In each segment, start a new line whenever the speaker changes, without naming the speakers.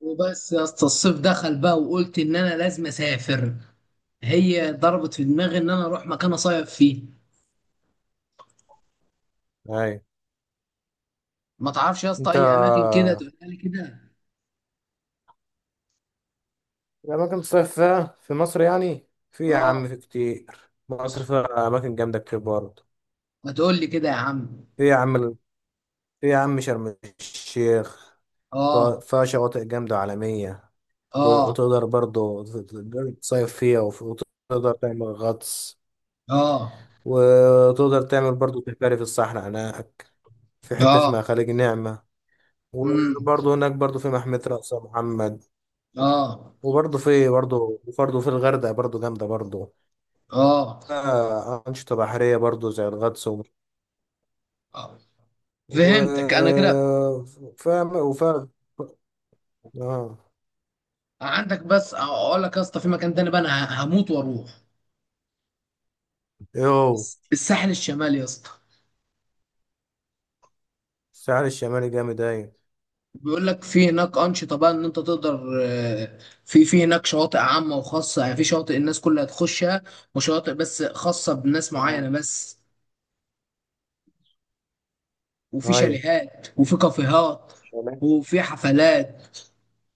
وبس يا اسطى، الصيف دخل بقى وقلت ان انا لازم اسافر. هي ضربت في دماغي ان انا اروح مكان اصيف فيه.
اي،
ما تعرفش يا اسطى
انت.
اي اماكن كده تقول لي كده؟
الاماكن تصيف فيها في مصر، يعني في يا
اه.
عم في كتير. مصر فيها اماكن جامده كتير برضه.
ما تقول لي كده يا عم.
في يا عم في يا عم شرم الشيخ.
اه.
فيها شواطئ جامده عالميه.
اه.
وتقدر برضه تصيف فيها، وتقدر تعمل غطس.
اه.
وتقدر تعمل برضه سفاري في الصحراء هناك. في حته
اه.
اسمها خليج نعمه.
امم.
وبرضه هناك برضه في محمية رأس محمد.
اه.
وبرضه في برضه وبرضه في الغردقة برضه جامدة برضه.
اه.
أنشطة بحرية برضو زي الغطس.
آه.
و...
فهمتك انا كده.
فاهم وفاهم. اه.
عندك، بس اقول لك يا اسطى، في مكان تاني بقى انا هموت واروح،
يو
الساحل الشمالي يا اسطى.
الساحل الشمالي جامد، أيوة.
بيقول لك في هناك أنشطة بقى إن أنت تقدر، في هناك شواطئ عامة وخاصة، يعني في شواطئ الناس كلها تخشها، وشواطئ بس خاصة بناس معينة
تمام.
بس، وفي
أيوة،
شاليهات وفي كافيهات
تمام.
وفي حفلات.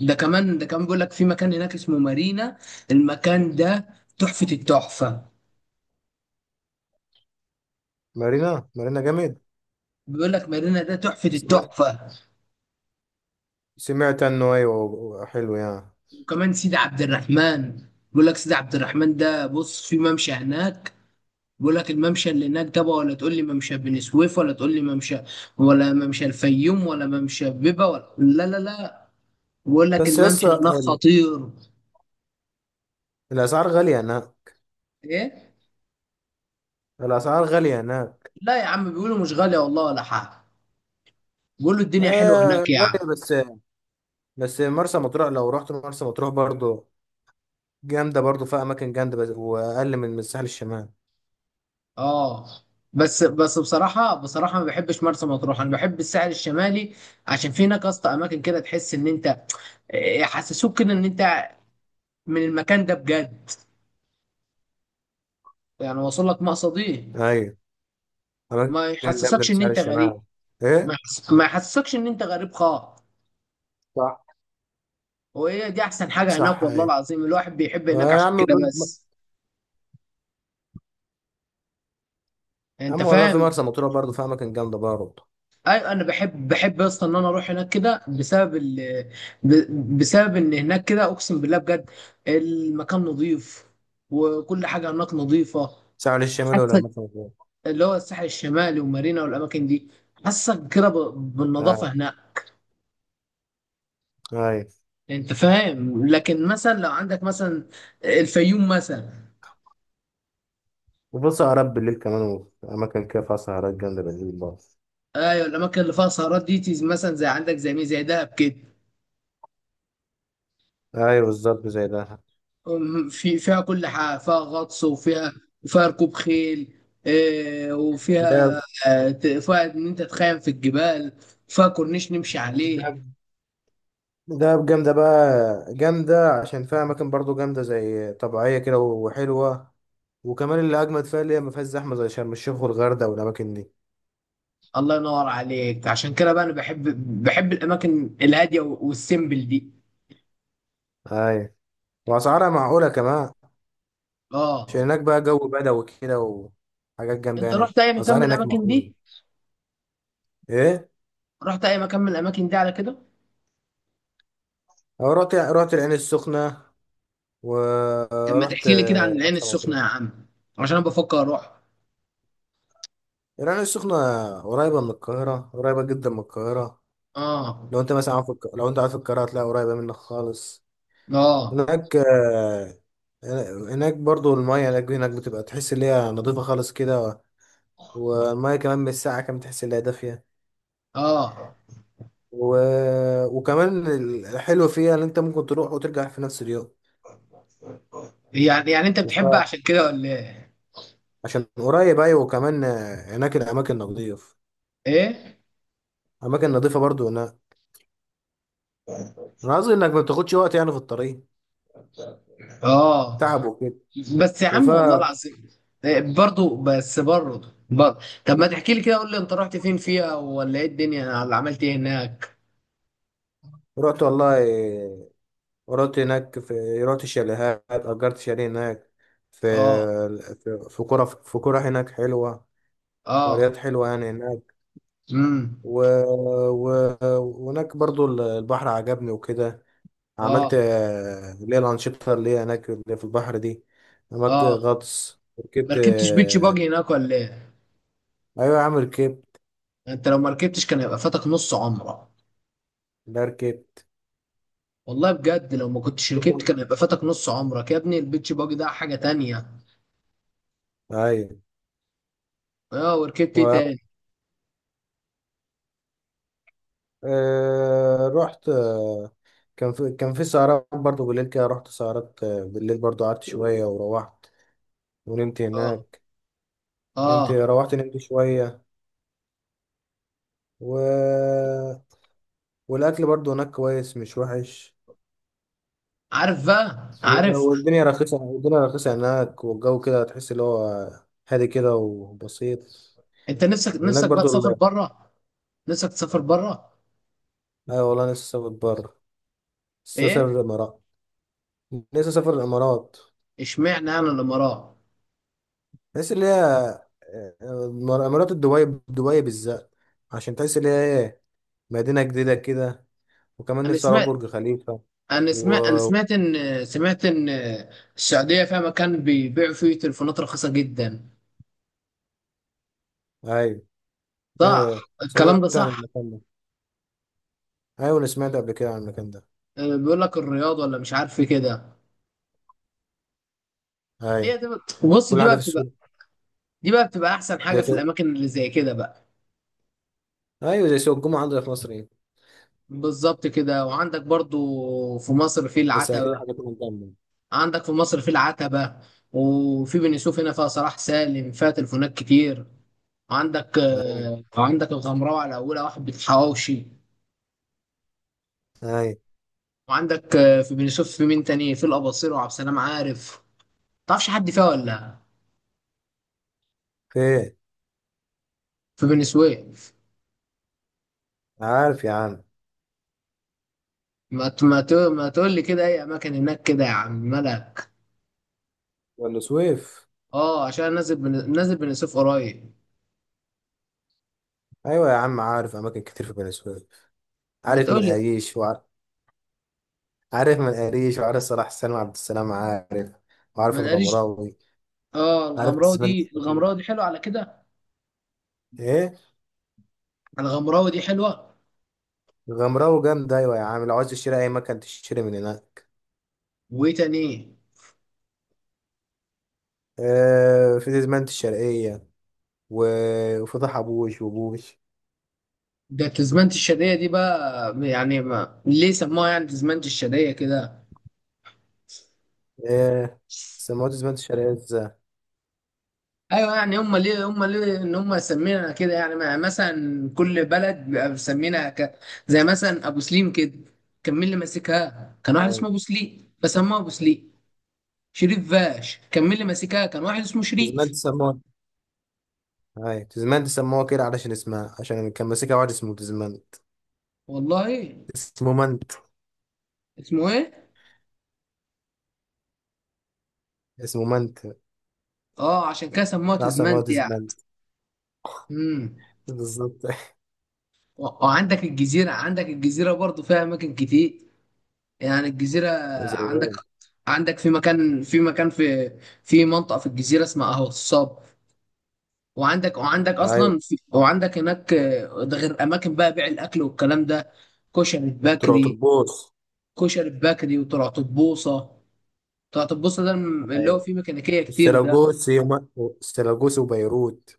ده كمان بيقول لك في مكان هناك اسمه مارينا. المكان ده تحفة التحفة.
مارينا، مارينا جامد.
بيقول لك مارينا ده تحفة
سمعت
التحفة.
سمعت عنه، أيوة. حلو يعني.
وكمان سيدي عبد الرحمن. بيقول لك سيدي عبد الرحمن ده بص، في ممشى هناك. بيقول لك الممشى اللي هناك ده بقى، ولا تقول لي ممشى بني سويف، ولا تقول لي ممشى، ولا ممشى الفيوم، ولا ممشى بيبا، ولا لا لا لا، بيقول لك
بس
الممشى
يسا
هناك خطير.
الأسعار غالية هناك.
ايه؟
الأسعار غالية هناك
لا يا عم، بيقولوا مش غالية والله ولا حاجة. بيقولوا الدنيا حلوة
آه،
هناك يعني.
غالية بس. بس مرسى مطروح، لو رحت مرسى مطروح برضو جامدة برضو، فيها أماكن جامدة بس، وأقل من الساحل الشمالي.
اه. بس بصراحة بصراحة ما بحبش مرسى مطروح، انا بحب الساحل الشمالي، عشان في هناك اصلا اماكن كده تحس ان انت، يحسسوك كده ان انت من المكان ده بجد، يعني واصل لك مقصدي.
أيوة. أماكن
ما
جامدة
يحسسكش
في
ان
شارع
انت غريب.
الشمال. إيه؟
ما يحسسكش ان انت غريب خالص.
صح.
وهي دي احسن حاجه هناك
صح،
والله
أيوة.
العظيم، الواحد بيحب هناك
آه يا
عشان
عم.
كده بس.
يا
انت
عم والله، في
فاهم.
مرسى مطروح برضه فيها أماكن جامدة برضه.
ايوه، انا بحب اصلا ان انا اروح هناك كده بسبب بسبب ان هناك كده اقسم بالله بجد، المكان نظيف وكل حاجه هناك نظيفه.
ساحل الشمال ولا
حاسك
مرسى مطروح؟
اللي هو الساحل الشمالي ومارينا والاماكن دي، حاسك كده بالنظافه
أيوة.
هناك.
أيوة.
انت فاهم، لكن مثلا لو عندك مثلا الفيوم مثلا.
وفي سهرات بالليل كمان، وفي أماكن كده فيها سهرات جامدة بالليل برضه.
ايوه، الاماكن اللي فيها سهرات دي، مثلا زي عندك، زي مين، زي دهب كده.
أيوة، بالظبط زي ده.
في فيها كل حاجه، فيها غطس وفيها ركوب خيل،
ده
وفيها، فيها ان انت تخيم في الجبال، فيها كورنيش نمشي عليه.
ده جامدة بقى. جامدة عشان فيها أماكن برضه جامدة، زي طبيعية كده وحلوة. وكمان اللي أجمد فيها، اللي هي ما فيهاش زحمة زي شرم الشيخ والغردقة والأماكن دي.
الله ينور عليك، عشان كده بقى انا بحب الاماكن الهاديه والسيمبل دي.
أيوة. وأسعارها معقولة كمان. عشان
اه.
هناك بقى جو بدوي كده، وحاجات جامدة
انت
يعني،
رحت اي مكان من
أسعار هناك
الاماكن دي؟
معقولة. إيه؟
رحت اي مكان من الاماكن دي على كده؟
رحت العين السخنة.
طب ما
ورحت
تحكي لي كده عن العين
مرسى
السخنه
مطروح.
يا عم، عشان انا بفكر اروح.
العين السخنة قريبة من القاهرة، قريبة جدا من القاهرة.
اه.
لو أنت مثلا عارف لو أنت عارف القاهرة، هتلاقي قريبة منك خالص.
اه.
هناك آه، هناك برضو المية هناك بتبقى تحس إن هي نضيفة خالص كده. والمية كمان من الساعة كمان تحس إن هي دافية.
اه.
و... وكمان الحلو فيها إن أنت ممكن تروح وترجع في نفس اليوم.
يعني انت
وف...
بتحبها عشان كده ولا ايه؟
عشان قريب ايوه، وكمان هناك الاماكن نظيف.
ايه؟
اماكن نظيفه برضو هناك. انا قصدي انك ما بتاخدش وقت يعني في الطريق،
اه.
تعب وكده.
بس يا عم والله العظيم، برضو بس برضو. طب ما تحكي لي كده، قول لي انت رحت فين فيها، ولا ايه الدنيا اللي عملت ايه هناك؟
فرحت والله. رحت هناك، رحت الشاليهات، اجرت شاليه هناك. في
اه.
في كرة هناك حلوه.
اه.
قريات حلوه يعني هناك.
امم.
و... و... وهناك برضو البحر عجبني وكده. عملت
اه.
اللي هي الانشطه، اللي هي هناك اللي في البحر دي. عملت
اه.
غطس،
ما
ركبت.
ركبتش بيتش باجي هناك ولا ايه؟
ايوه يا عم، ركبت.
انت لو ما ركبتش كان هيبقى فاتك نص عمرك.
لا، ركبت.
والله بجد لو ما كنتش ركبت كان هيبقى فاتك نص عمرك يا ابني، البيتش باجي ده حاجة تانية.
ايوه.
اه، وركبت ايه
و...
تاني؟
رحت كان في سهرات برضو بالليل كده. رحت سهرات بالليل، برضو قعدت شوية وروحت ونمت
اه.
هناك. نمت،
اه.
روحت، نمت شوية. و... والأكل برضو هناك كويس، مش وحش.
عارف بقى،
و...
عارف.
والدنيا رخيصة، هناك. والجو كده تحس اللي هو هادي كده وبسيط.
انت نفسك
وهناك
نفسك بقى
برضو
تسافر
ال...
بره؟ نفسك تسافر بره؟
أيوة والله، لسه سافر بره. لسه سافر
ايه.
الإمارات. لسه سافر الإمارات.
اشمعنى انا الامارات.
تحس اللي هي مرات، دبي، دبي بالذات. عشان تحس اللي هي ايه، مدينة جديدة كده. وكمان
انا
نفسي أروح
سمعت
برج خليفة. و
انا سمعت ان السعوديه فيها مكان بيبيعوا فيه تليفونات رخيصه جدا.
أيوة. إيه،
صح الكلام
سمعت
ده
عن
صح؟
المكان ده. أيوة، أنا سمعت قبل كده عن المكان ده.
اه، بيقول لك الرياض ولا مش عارف ايه كده. هي
أيوة،
دي بص،
كل حاجة في السوق.
دي بقى بتبقى احسن حاجه
زي
في
سوق
الاماكن اللي زي كده بقى.
أيوة، زي سوق الجمعة عندنا في مصر، إيه.
بالظبط كده، وعندك برضو في مصر في
بس أكيد
العتبه.
حاجة تكون جامدة.
عندك في مصر في العتبة، وفي بني سويف هنا فيها صلاح سالم فيها تليفونات كتير،
أيوة،
وعندك الغمراوي على أولها واحد بالحواوشي،
أيوة.
وعندك في بني سويف في مين تاني، في الأباصير وعبد السلام عارف. متعرفش حد فيها ولا؟
فين؟
في بني سويف،
عارف يا عم.
ما تقول لي كده أي أماكن هناك كده يا عم ملك.
بني سويف.
أه، عشان أنا نازل نازل بني سويف قريب.
أيوة يا عم، عارف أماكن كتير في بني سويف.
ما
عارف
تقول لي.
منقاريش. عارف من قريش، وعارف صلاح سلمى، عبد السلام عارف، وعارف
ما نقليش.
الغمراوي.
أه،
عارف
الغمراوي
تسمان
دي،
الصغير.
الغمراوي دي حلوة على كده.
ايه.
الغمراوي دي حلوة.
الغمراوي جامد، ايوه يا عم، لو عايز تشتري اي مكان تشتري من هناك.
وإيه تاني؟
آه، في تسمانة الشرقية. وفتح أبوش وبوش.
ده تزمنت الشادية دي بقى، يعني ما ليه سموها يعني تزمنت الشادية كده؟
آه. سموه تسمانة الشرقية ازاي؟
ايوه، يعني هم ليه ان هم سمينا كده، يعني مثلا كل بلد بيبقى مسمينها زي مثلا ابو سليم كده، كان مين اللي ماسكها؟ كان واحد
أيوة.
اسمه ابو سليم، فسموها ابو سليم. شريف فاش كان مين اللي ماسكها؟ كان واحد اسمه
تسمانة
شريف.
سموه. أيوة، تسمانة سموه كده علشان اسمها، عشان كان ماسكها واحد اسمه تسمانة.
والله ايه.
اسمه منت.
اسمه ايه؟
اسمه منت
اه، عشان كده سموها
لا، سموه
تزمنت يعني.
تسمانة.
امم.
بالظبط.
وعندك الجزيرة. عندك الجزيرة برضو فيها اماكن كتير، يعني الجزيرة.
زي
عندك
ايه.
عندك في مكان في مكان في منطقة في الجزيرة اسمها أهو الصاب. وعندك
ايوه،
أصلا في، وعندك هناك ده غير أماكن بقى بيع الأكل والكلام ده، كشري
طلعوا
بكري.
تربوس.
كشري بكري وطرطبوسة. طرطبوسة ده اللي هو فيه ميكانيكية كتير ده.
السلاجوسي وما- السلاجوسي وبيروت.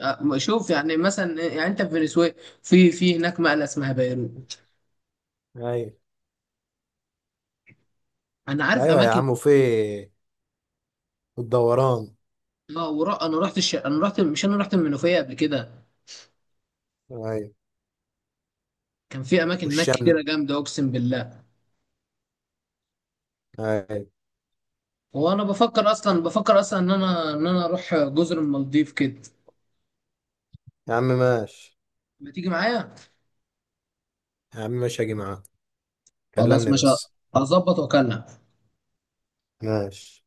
شوف يعني مثلا، يعني أنت في فنزويلا، في هناك مقلة اسمها بيروت.
ايوه.
أنا عارف
ايوه يا
أماكن.
عم، وفي الدوران.
اه، ورا انا رحت انا رحت مش انا رحت المنوفيه قبل كده،
ايوه،
كان في اماكن هناك
والشمل.
كتيره جامده اقسم بالله.
ايوه.
وانا بفكر اصلا، بفكر اصلا ان انا اروح جزر المالديف كده.
يا عم ماشي.
ما تيجي معايا؟
يا عم ماشي، هاجي معاك.
خلاص
كلمني
ماشي.
بس.
اظبط واكلم.
ماشي.